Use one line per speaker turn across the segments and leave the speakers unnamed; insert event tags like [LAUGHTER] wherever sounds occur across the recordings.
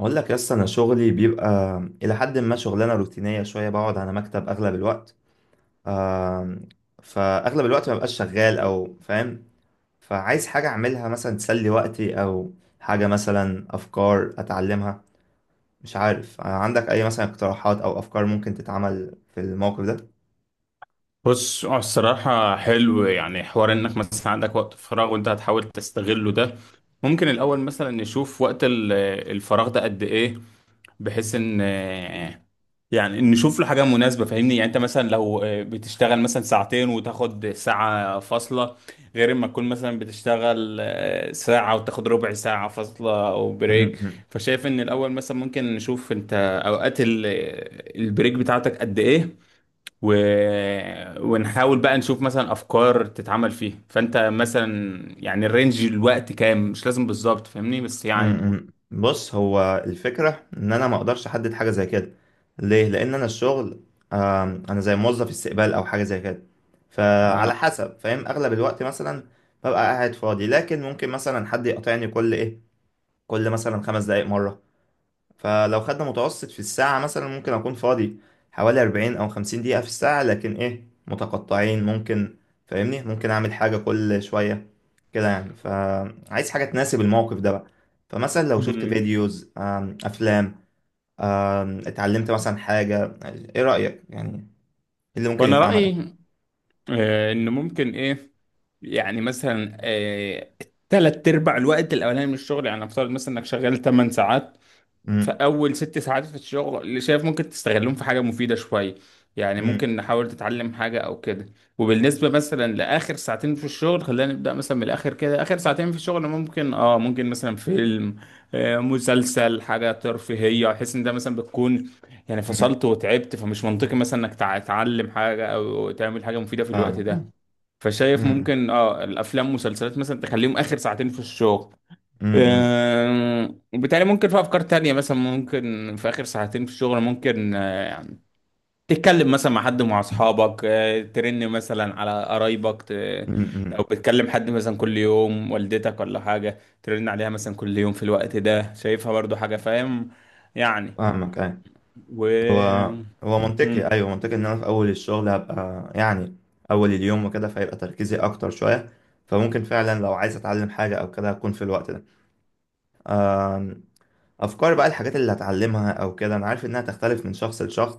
اقول لك يس انا شغلي بيبقى الى حد ما شغلانه روتينيه شويه. بقعد على مكتب اغلب الوقت. آم، فاغلب الوقت ما ببقاش شغال او فاهم. فعايز حاجه اعملها مثلا تسلي وقتي او حاجه مثلا افكار اتعلمها. مش عارف، عندك اي مثلا اقتراحات او افكار ممكن تتعمل في الموقف ده؟
بص، هو الصراحة حلو يعني حوار انك مثلا عندك وقت فراغ وانت هتحاول تستغله ده. ممكن الاول مثلا نشوف وقت الفراغ ده قد ايه، بحيث ان يعني نشوف له حاجة مناسبة. فاهمني يعني انت مثلا لو بتشتغل مثلا 2 ساعة وتاخد ساعة فاصلة، غير ما تكون مثلا بتشتغل ساعة وتاخد ربع ساعة فاصلة او بريك.
[LAUGHS]
فشايف ان الاول مثلا ممكن نشوف انت اوقات البريك بتاعتك قد ايه و... ونحاول بقى نشوف مثلا افكار تتعمل فيها. فانت مثلا يعني الرينج الوقت كام؟ مش لازم بالظبط فاهمني بس يعني.
بص، هو الفكرة ان انا ما اقدرش احدد حاجة زي كده. ليه؟ لان انا الشغل، انا زي موظف استقبال او حاجة زي كده. فعلى
آه.
حسب فاهم، اغلب الوقت مثلا ببقى قاعد فاضي، لكن ممكن مثلا حد يقاطعني كل ايه، كل مثلا خمس دقايق مرة. فلو خدنا متوسط في الساعة، مثلا ممكن أكون فاضي حوالي 40 أو 50 دقيقة في الساعة، لكن إيه، متقطعين. ممكن، فاهمني، ممكن أعمل حاجة كل شوية كده، يعني. فعايز حاجة تناسب الموقف ده بقى. فمثلا لو شفت
مم.
فيديوز، أفلام، اتعلمت مثلا حاجة. إيه رأيك، يعني إيه اللي ممكن
وانا
يتعمل؟
رايي ان ممكن ايه، يعني مثلا تلات ارباع الوقت الاولاني من الشغل. يعني افترض مثلا انك شغال 8 ساعات، في
أمم،
أول 6 ساعات في الشغل اللي شايف ممكن تستغلهم في حاجة مفيدة شوية، يعني
أمم،
ممكن نحاول تتعلم حاجة أو كده. وبالنسبة مثلا لآخر 2 ساعة في الشغل، خلينا نبدأ مثلا من الآخر كده، آخر 2 ساعة في الشغل ممكن مثلا فيلم، مسلسل، حاجة ترفيهية. أحس إن ده مثلا بتكون يعني
أمم،
فصلت وتعبت، فمش منطقي مثلا إنك تتعلم حاجة أو تعمل حاجة مفيدة في الوقت
فاهمك،
ده.
آه.
فشايف
أمم،
ممكن الأفلام مسلسلات مثلا تخليهم آخر 2 ساعة في الشغل.
أمم، أمم،
وبالتالي ممكن في افكار تانية مثلا، ممكن في اخر 2 ساعة في الشغل ممكن يعني تتكلم مثلا مع حد، مع اصحابك، ترن مثلا على قرايبك
أمم،
لو
أمم،
بتكلم حد مثلا كل يوم، والدتك ولا حاجة، ترن عليها مثلا كل يوم في الوقت ده. شايفها برضو حاجة، فاهم يعني.
فاهمك، آه.
و
هو هو منطقي.
مم.
ايوه، منطقي ان انا في اول الشغل هبقى يعني اول اليوم وكده، فيبقى تركيزي اكتر شويه. فممكن فعلا لو عايز اتعلم حاجه او كده، هكون في الوقت ده. أم، افكار بقى الحاجات اللي هتعلمها او كده، انا عارف انها تختلف من شخص لشخص.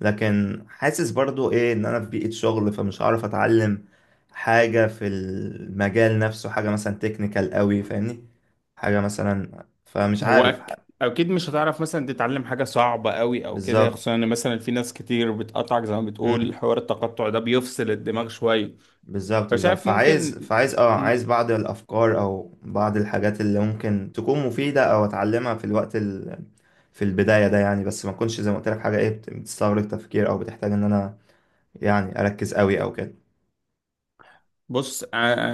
لكن حاسس برضو ايه، ان انا في بيئه شغل، فمش هعرف اتعلم حاجه في المجال نفسه، حاجه مثلا تكنيكال قوي، فاهمني، حاجه مثلا، فمش
هو
عارف.
اكيد مش هتعرف مثلا تتعلم حاجة صعبة قوي او كده،
بالظبط،
خصوصا ان مثلا في ناس كتير بتقطعك. زي ما بتقول، حوار التقطع ده بيفصل الدماغ شوية.
بالظبط، بالظبط.
فشايف
فعايز
ممكن
فعايز عايز
مم.
بعض الافكار او بعض الحاجات اللي ممكن تكون مفيده او اتعلمها في الوقت ال... في البدايه ده، يعني. بس ما اكونش زي ما قلت لك حاجه ايه، بتستغرق تفكير او بتحتاج ان انا يعني اركز قوي او كده.
بص، آه،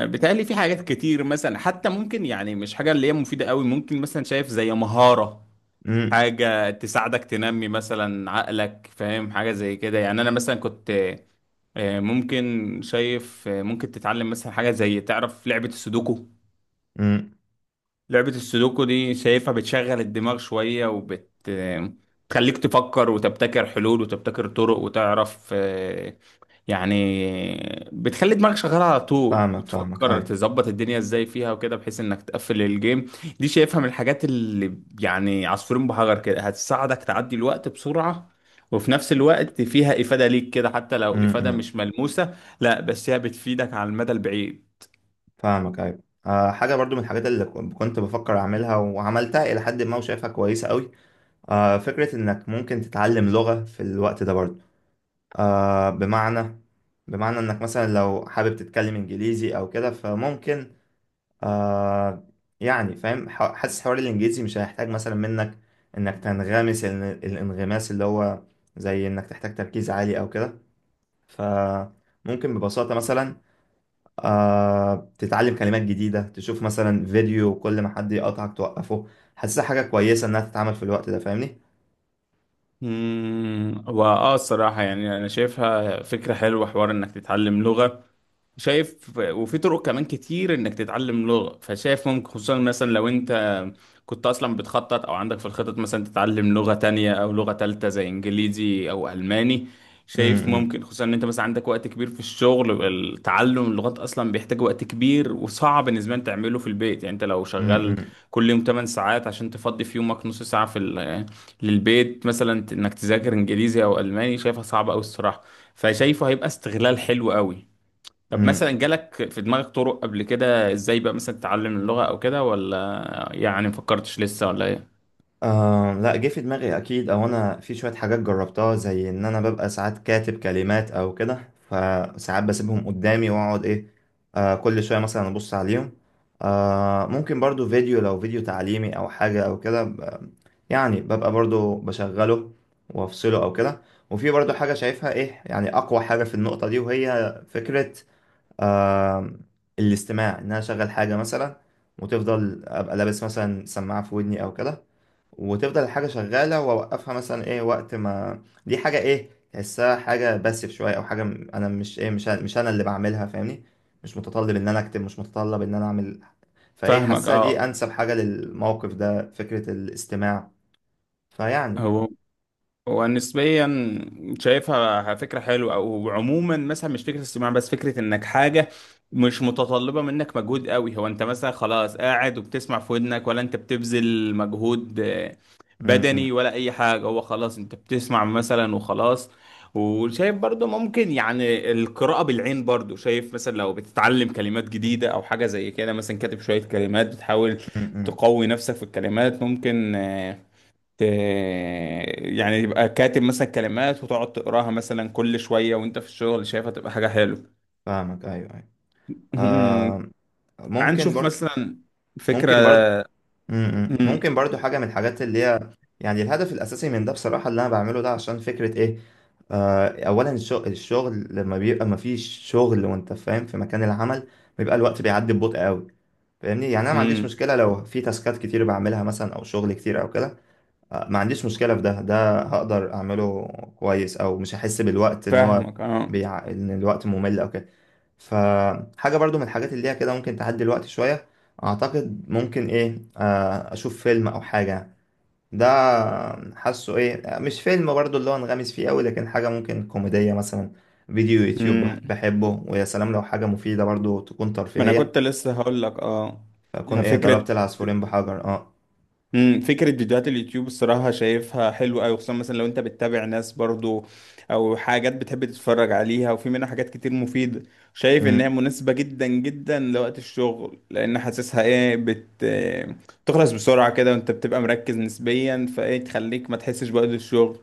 آه، بيتهيألي في حاجات كتير مثلا، حتى ممكن يعني مش حاجة اللي هي مفيدة قوي، ممكن مثلا شايف زي مهارة،
امم،
حاجة تساعدك تنمي مثلا عقلك، فاهم حاجة زي كده. يعني أنا مثلا كنت ممكن شايف ممكن تتعلم مثلا حاجة زي، تعرف لعبة السودوكو؟
امم،
لعبة السودوكو دي شايفها بتشغل الدماغ شوية، وبت تخليك تفكر وتبتكر حلول وتبتكر طرق وتعرف يعني بتخلي دماغك شغالة على طول،
فاهمك، فاهمك،
وتفكر
ايوه.
تظبط الدنيا ازاي فيها وكده، بحيث انك تقفل الجيم. دي شايفها من الحاجات اللي يعني عصفورين بحجر كده، هتساعدك تعدي الوقت بسرعة، وفي نفس الوقت فيها إفادة ليك كده، حتى لو
امم،
إفادة مش ملموسة. لا، بس هي بتفيدك على المدى البعيد.
فاهمك، ايوه. آه، حاجه برضو من الحاجات اللي كنت بفكر اعملها وعملتها الى حد ما، وشايفها كويسه قوي. آه، فكره انك ممكن تتعلم لغه في الوقت ده برضو. آه، بمعنى، بمعنى انك مثلا لو حابب تتكلم انجليزي او كده، فممكن، آه، يعني فاهم، حاسس حوار الانجليزي مش هيحتاج مثلا منك انك تنغمس الانغماس اللي هو زي انك تحتاج تركيز عالي او كده. فممكن ببساطة مثلا، آه، تتعلم كلمات جديدة، تشوف مثلا فيديو وكل ما حد يقطعك توقفه. حاسسها حاجة كويسة انها تتعمل في الوقت ده، فاهمني؟
واه، الصراحة يعني انا شايفها فكرة حلوة، حوار انك تتعلم لغة شايف، وفي طرق كمان كتير انك تتعلم لغة. فشايف ممكن خصوصا مثلا لو انت كنت اصلا بتخطط او عندك في الخطط مثلا تتعلم لغة تانية او لغة تالتة زي انجليزي او الماني،
م-
شايف
م-
ممكن خصوصا ان انت مثلا عندك وقت كبير في الشغل. التعلم اللغات اصلا بيحتاج وقت كبير، وصعب بالنسبة لك تعمله في البيت. يعني انت لو
م-
شغال
م-
كل يوم 8 ساعات، عشان تفضي في يومك نص ساعة في للبيت مثلا انك تذاكر انجليزي او الماني، شايفها صعبة قوي الصراحة. فشايفه هيبقى استغلال حلو قوي. طب
م.
مثلا جالك في دماغك طرق قبل كده ازاي بقى مثلا تتعلم اللغة او كده، ولا يعني مفكرتش لسه ولا ايه؟
آه، لا، جه في دماغي اكيد. او انا في شويه حاجات جربتها، زي ان انا ببقى ساعات كاتب كلمات او كده، فساعات بسيبهم قدامي واقعد ايه، آه، كل شويه مثلا ابص عليهم. آه، ممكن برضو فيديو، لو فيديو تعليمي او حاجه او كده، يعني ببقى برضو بشغله وافصله او كده. وفي برضو حاجه شايفها ايه، يعني اقوى حاجه في النقطه دي، وهي فكره، آه، الاستماع. ان انا اشغل حاجه مثلا وتفضل ابقى لابس مثلا سماعه في ودني او كده، وتفضل الحاجة شغالة، وأوقفها مثلا إيه وقت ما دي حاجة، إيه، تحسها حاجة باسف شوية، أو حاجة أنا مش إيه، مش أنا اللي بعملها، فاهمني. مش متطلب إن أنا أكتب، مش متطلب إن أنا أعمل. فإيه،
فاهمك
حاسها دي
اه.
أنسب حاجة للموقف ده، فكرة الاستماع. فيعني
هو ونسبيا شايفها فكرة حلوة، أو عموما مثلا مش فكرة الصياعة بس، فكرة إنك حاجة مش متطلبة منك مجهود قوي. هو أنت مثلا خلاص قاعد وبتسمع في ودنك، ولا أنت بتبذل مجهود
م- م-
بدني ولا أي حاجة؟ هو خلاص أنت بتسمع مثلا وخلاص. وشايف برضو ممكن يعني القراءة بالعين برضو، شايف مثلا لو بتتعلم كلمات جديدة أو حاجة زي كده، مثلا كاتب شوية كلمات بتحاول
م- م.
تقوي نفسك في الكلمات، ت- يعني يبقى كاتب مثلا كلمات وتقعد تقراها مثلا كل شوية وانت في الشغل، شايفها تبقى حاجة حلوة.
فاهمك، أيوه، أيوه.
مم.
آه،
تعال
ممكن
نشوف
برضه،
مثلا فكرة.
ممكن برضه، امم،
مم.
ممكن برضو حاجة من الحاجات اللي هي، يعني الهدف الأساسي من ده بصراحة اللي أنا بعمله ده، عشان فكرة إيه، آه، أولا الشغل، الشغل لما بيبقى مفيش شغل وأنت فاهم في مكان العمل، بيبقى الوقت بيعدي ببطء قوي، فاهمني. يعني أنا ما عنديش
مم.
مشكلة لو في تاسكات كتير بعملها مثلا أو شغل كتير أو كده، ما عنديش مشكلة في ده. ده هقدر أعمله كويس، أو مش هحس بالوقت إن هو
فاهمك اه.
إن الوقت ممل أو كده. فحاجة برضو من الحاجات اللي هي كده ممكن تعدي الوقت شوية، أعتقد ممكن إيه، أشوف فيلم أو حاجة. ده حاسه إيه، مش فيلم برضو اللي هو انغمس فيه أوي، لكن حاجة ممكن كوميدية مثلا. فيديو يوتيوب
مم.
بحبه، ويا سلام لو حاجة مفيدة برضو تكون
ما انا
ترفيهية.
كنت لسه هقول لك اه،
فأكون
يعني
إيه،
فكرة
ضربت العصفورين بحجر، أه.
فكرة فيديوهات اليوتيوب الصراحة شايفها حلوة أوي، خصوصا مثلا لو أنت بتتابع ناس برضو أو حاجات بتحب تتفرج عليها، وفي منها حاجات كتير مفيدة. شايف
م-
إنها مناسبة جدا جدا لوقت الشغل، لأن حاسسها إيه تخلص بسرعة كده وأنت بتبقى مركز نسبيا، فإيه تخليك ما تحسش بوقت الشغل.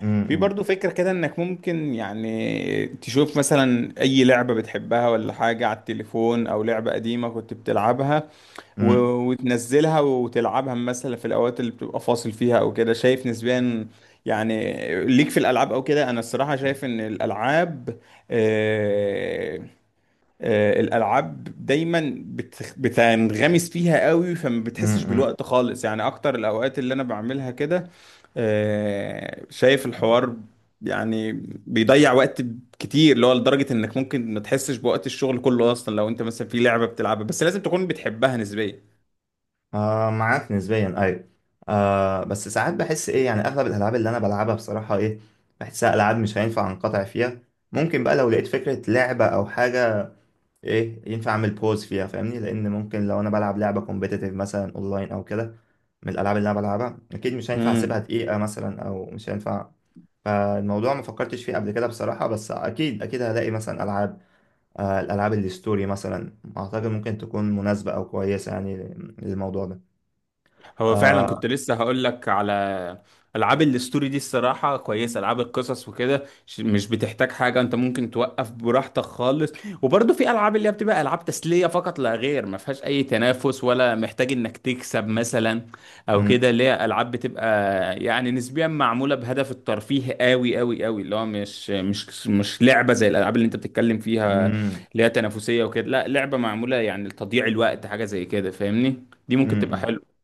م-
في
م-
برضو فكرة كده إنك ممكن يعني تشوف مثلا أي لعبة بتحبها ولا حاجة على التليفون، أو لعبة قديمة كنت بتلعبها و...
م-
وتنزلها وتلعبها مثلا في الاوقات اللي بتبقى فاصل فيها او كده. شايف نسبيا يعني ليك في الالعاب او كده. انا الصراحه شايف ان الالعاب آه... الالعاب دايما بتنغمس فيها قوي فما
م-
بتحسش
م-
بالوقت خالص، يعني اكتر الاوقات اللي انا بعملها كده. شايف الحوار يعني بيضيع وقت كتير، اللي هو لدرجة انك ممكن ما تحسش بوقت الشغل كله اصلا، لو انت مثلا في لعبة بتلعبها، بس لازم تكون بتحبها نسبيا.
آه، معاك نسبيا، ايوه. آه، بس ساعات بحس ايه، يعني اغلب الالعاب اللي انا بلعبها بصراحه ايه، بحسها العاب مش هينفع انقطع فيها. ممكن بقى لو لقيت فكره لعبه او حاجه ايه ينفع اعمل بوز فيها، فاهمني، لان ممكن لو انا بلعب لعبه كومبيتيتيف مثلا اونلاين او كده، من الالعاب اللي انا بلعبها، اكيد مش هينفع
مم.
اسيبها دقيقه مثلا، او مش هينفع. فالموضوع ما فكرتش فيه قبل كده بصراحه، بس اكيد، اكيد هلاقي مثلا العاب. آه، الالعاب الستوري مثلا اعتقد ممكن تكون مناسبه او كويسه، يعني للموضوع ده.
هو فعلا
آه،
كنت لسه هقول لك على العاب الاستوري دي، الصراحه كويسه، العاب القصص وكده، مش بتحتاج حاجه، انت ممكن توقف براحتك خالص. وبرضه في العاب اللي هي بتبقى العاب تسليه فقط لا غير، ما فيهاش اي تنافس ولا محتاج انك تكسب مثلا او كده، اللي هي العاب بتبقى يعني نسبيا معموله بهدف الترفيه قوي قوي قوي، اللي هو مش لعبه زي الالعاب اللي انت بتتكلم فيها
امم،
اللي هي تنافسيه وكده. لا، لعبه معموله يعني لتضييع الوقت، حاجه زي كده فاهمني. دي ممكن
امم،
تبقى حلوه.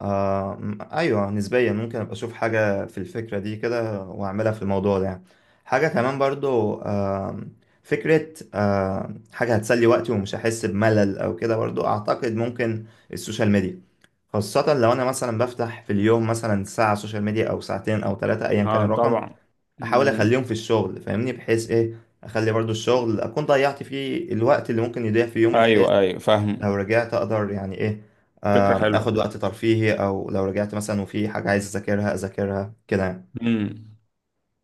آه، ايوه، نسبيا ممكن ابقى اشوف حاجه في الفكره دي كده، واعملها في الموضوع ده، يعني. حاجه كمان برضو، آه، فكره، آه، حاجه هتسلي وقتي ومش هحس بملل او كده، برضو اعتقد ممكن السوشيال ميديا. خاصة لو أنا مثلا بفتح في اليوم مثلا ساعة سوشيال ميديا أو ساعتين أو ثلاثة أيا كان
اه
الرقم،
طبعا.
أحاول
مم.
أخليهم في الشغل، فاهمني، بحيث إيه، أخلي برضو الشغل أكون ضيعت فيه الوقت اللي ممكن يضيع في يومي، بحيث
ايوه ايوه
لو
فاهم.
رجعت اقدر يعني ايه،
فكرة حلوة.
اخد وقت ترفيهي، او لو رجعت مثلا وفي حاجة عايز اذاكرها اذاكرها كده، يعني
مم.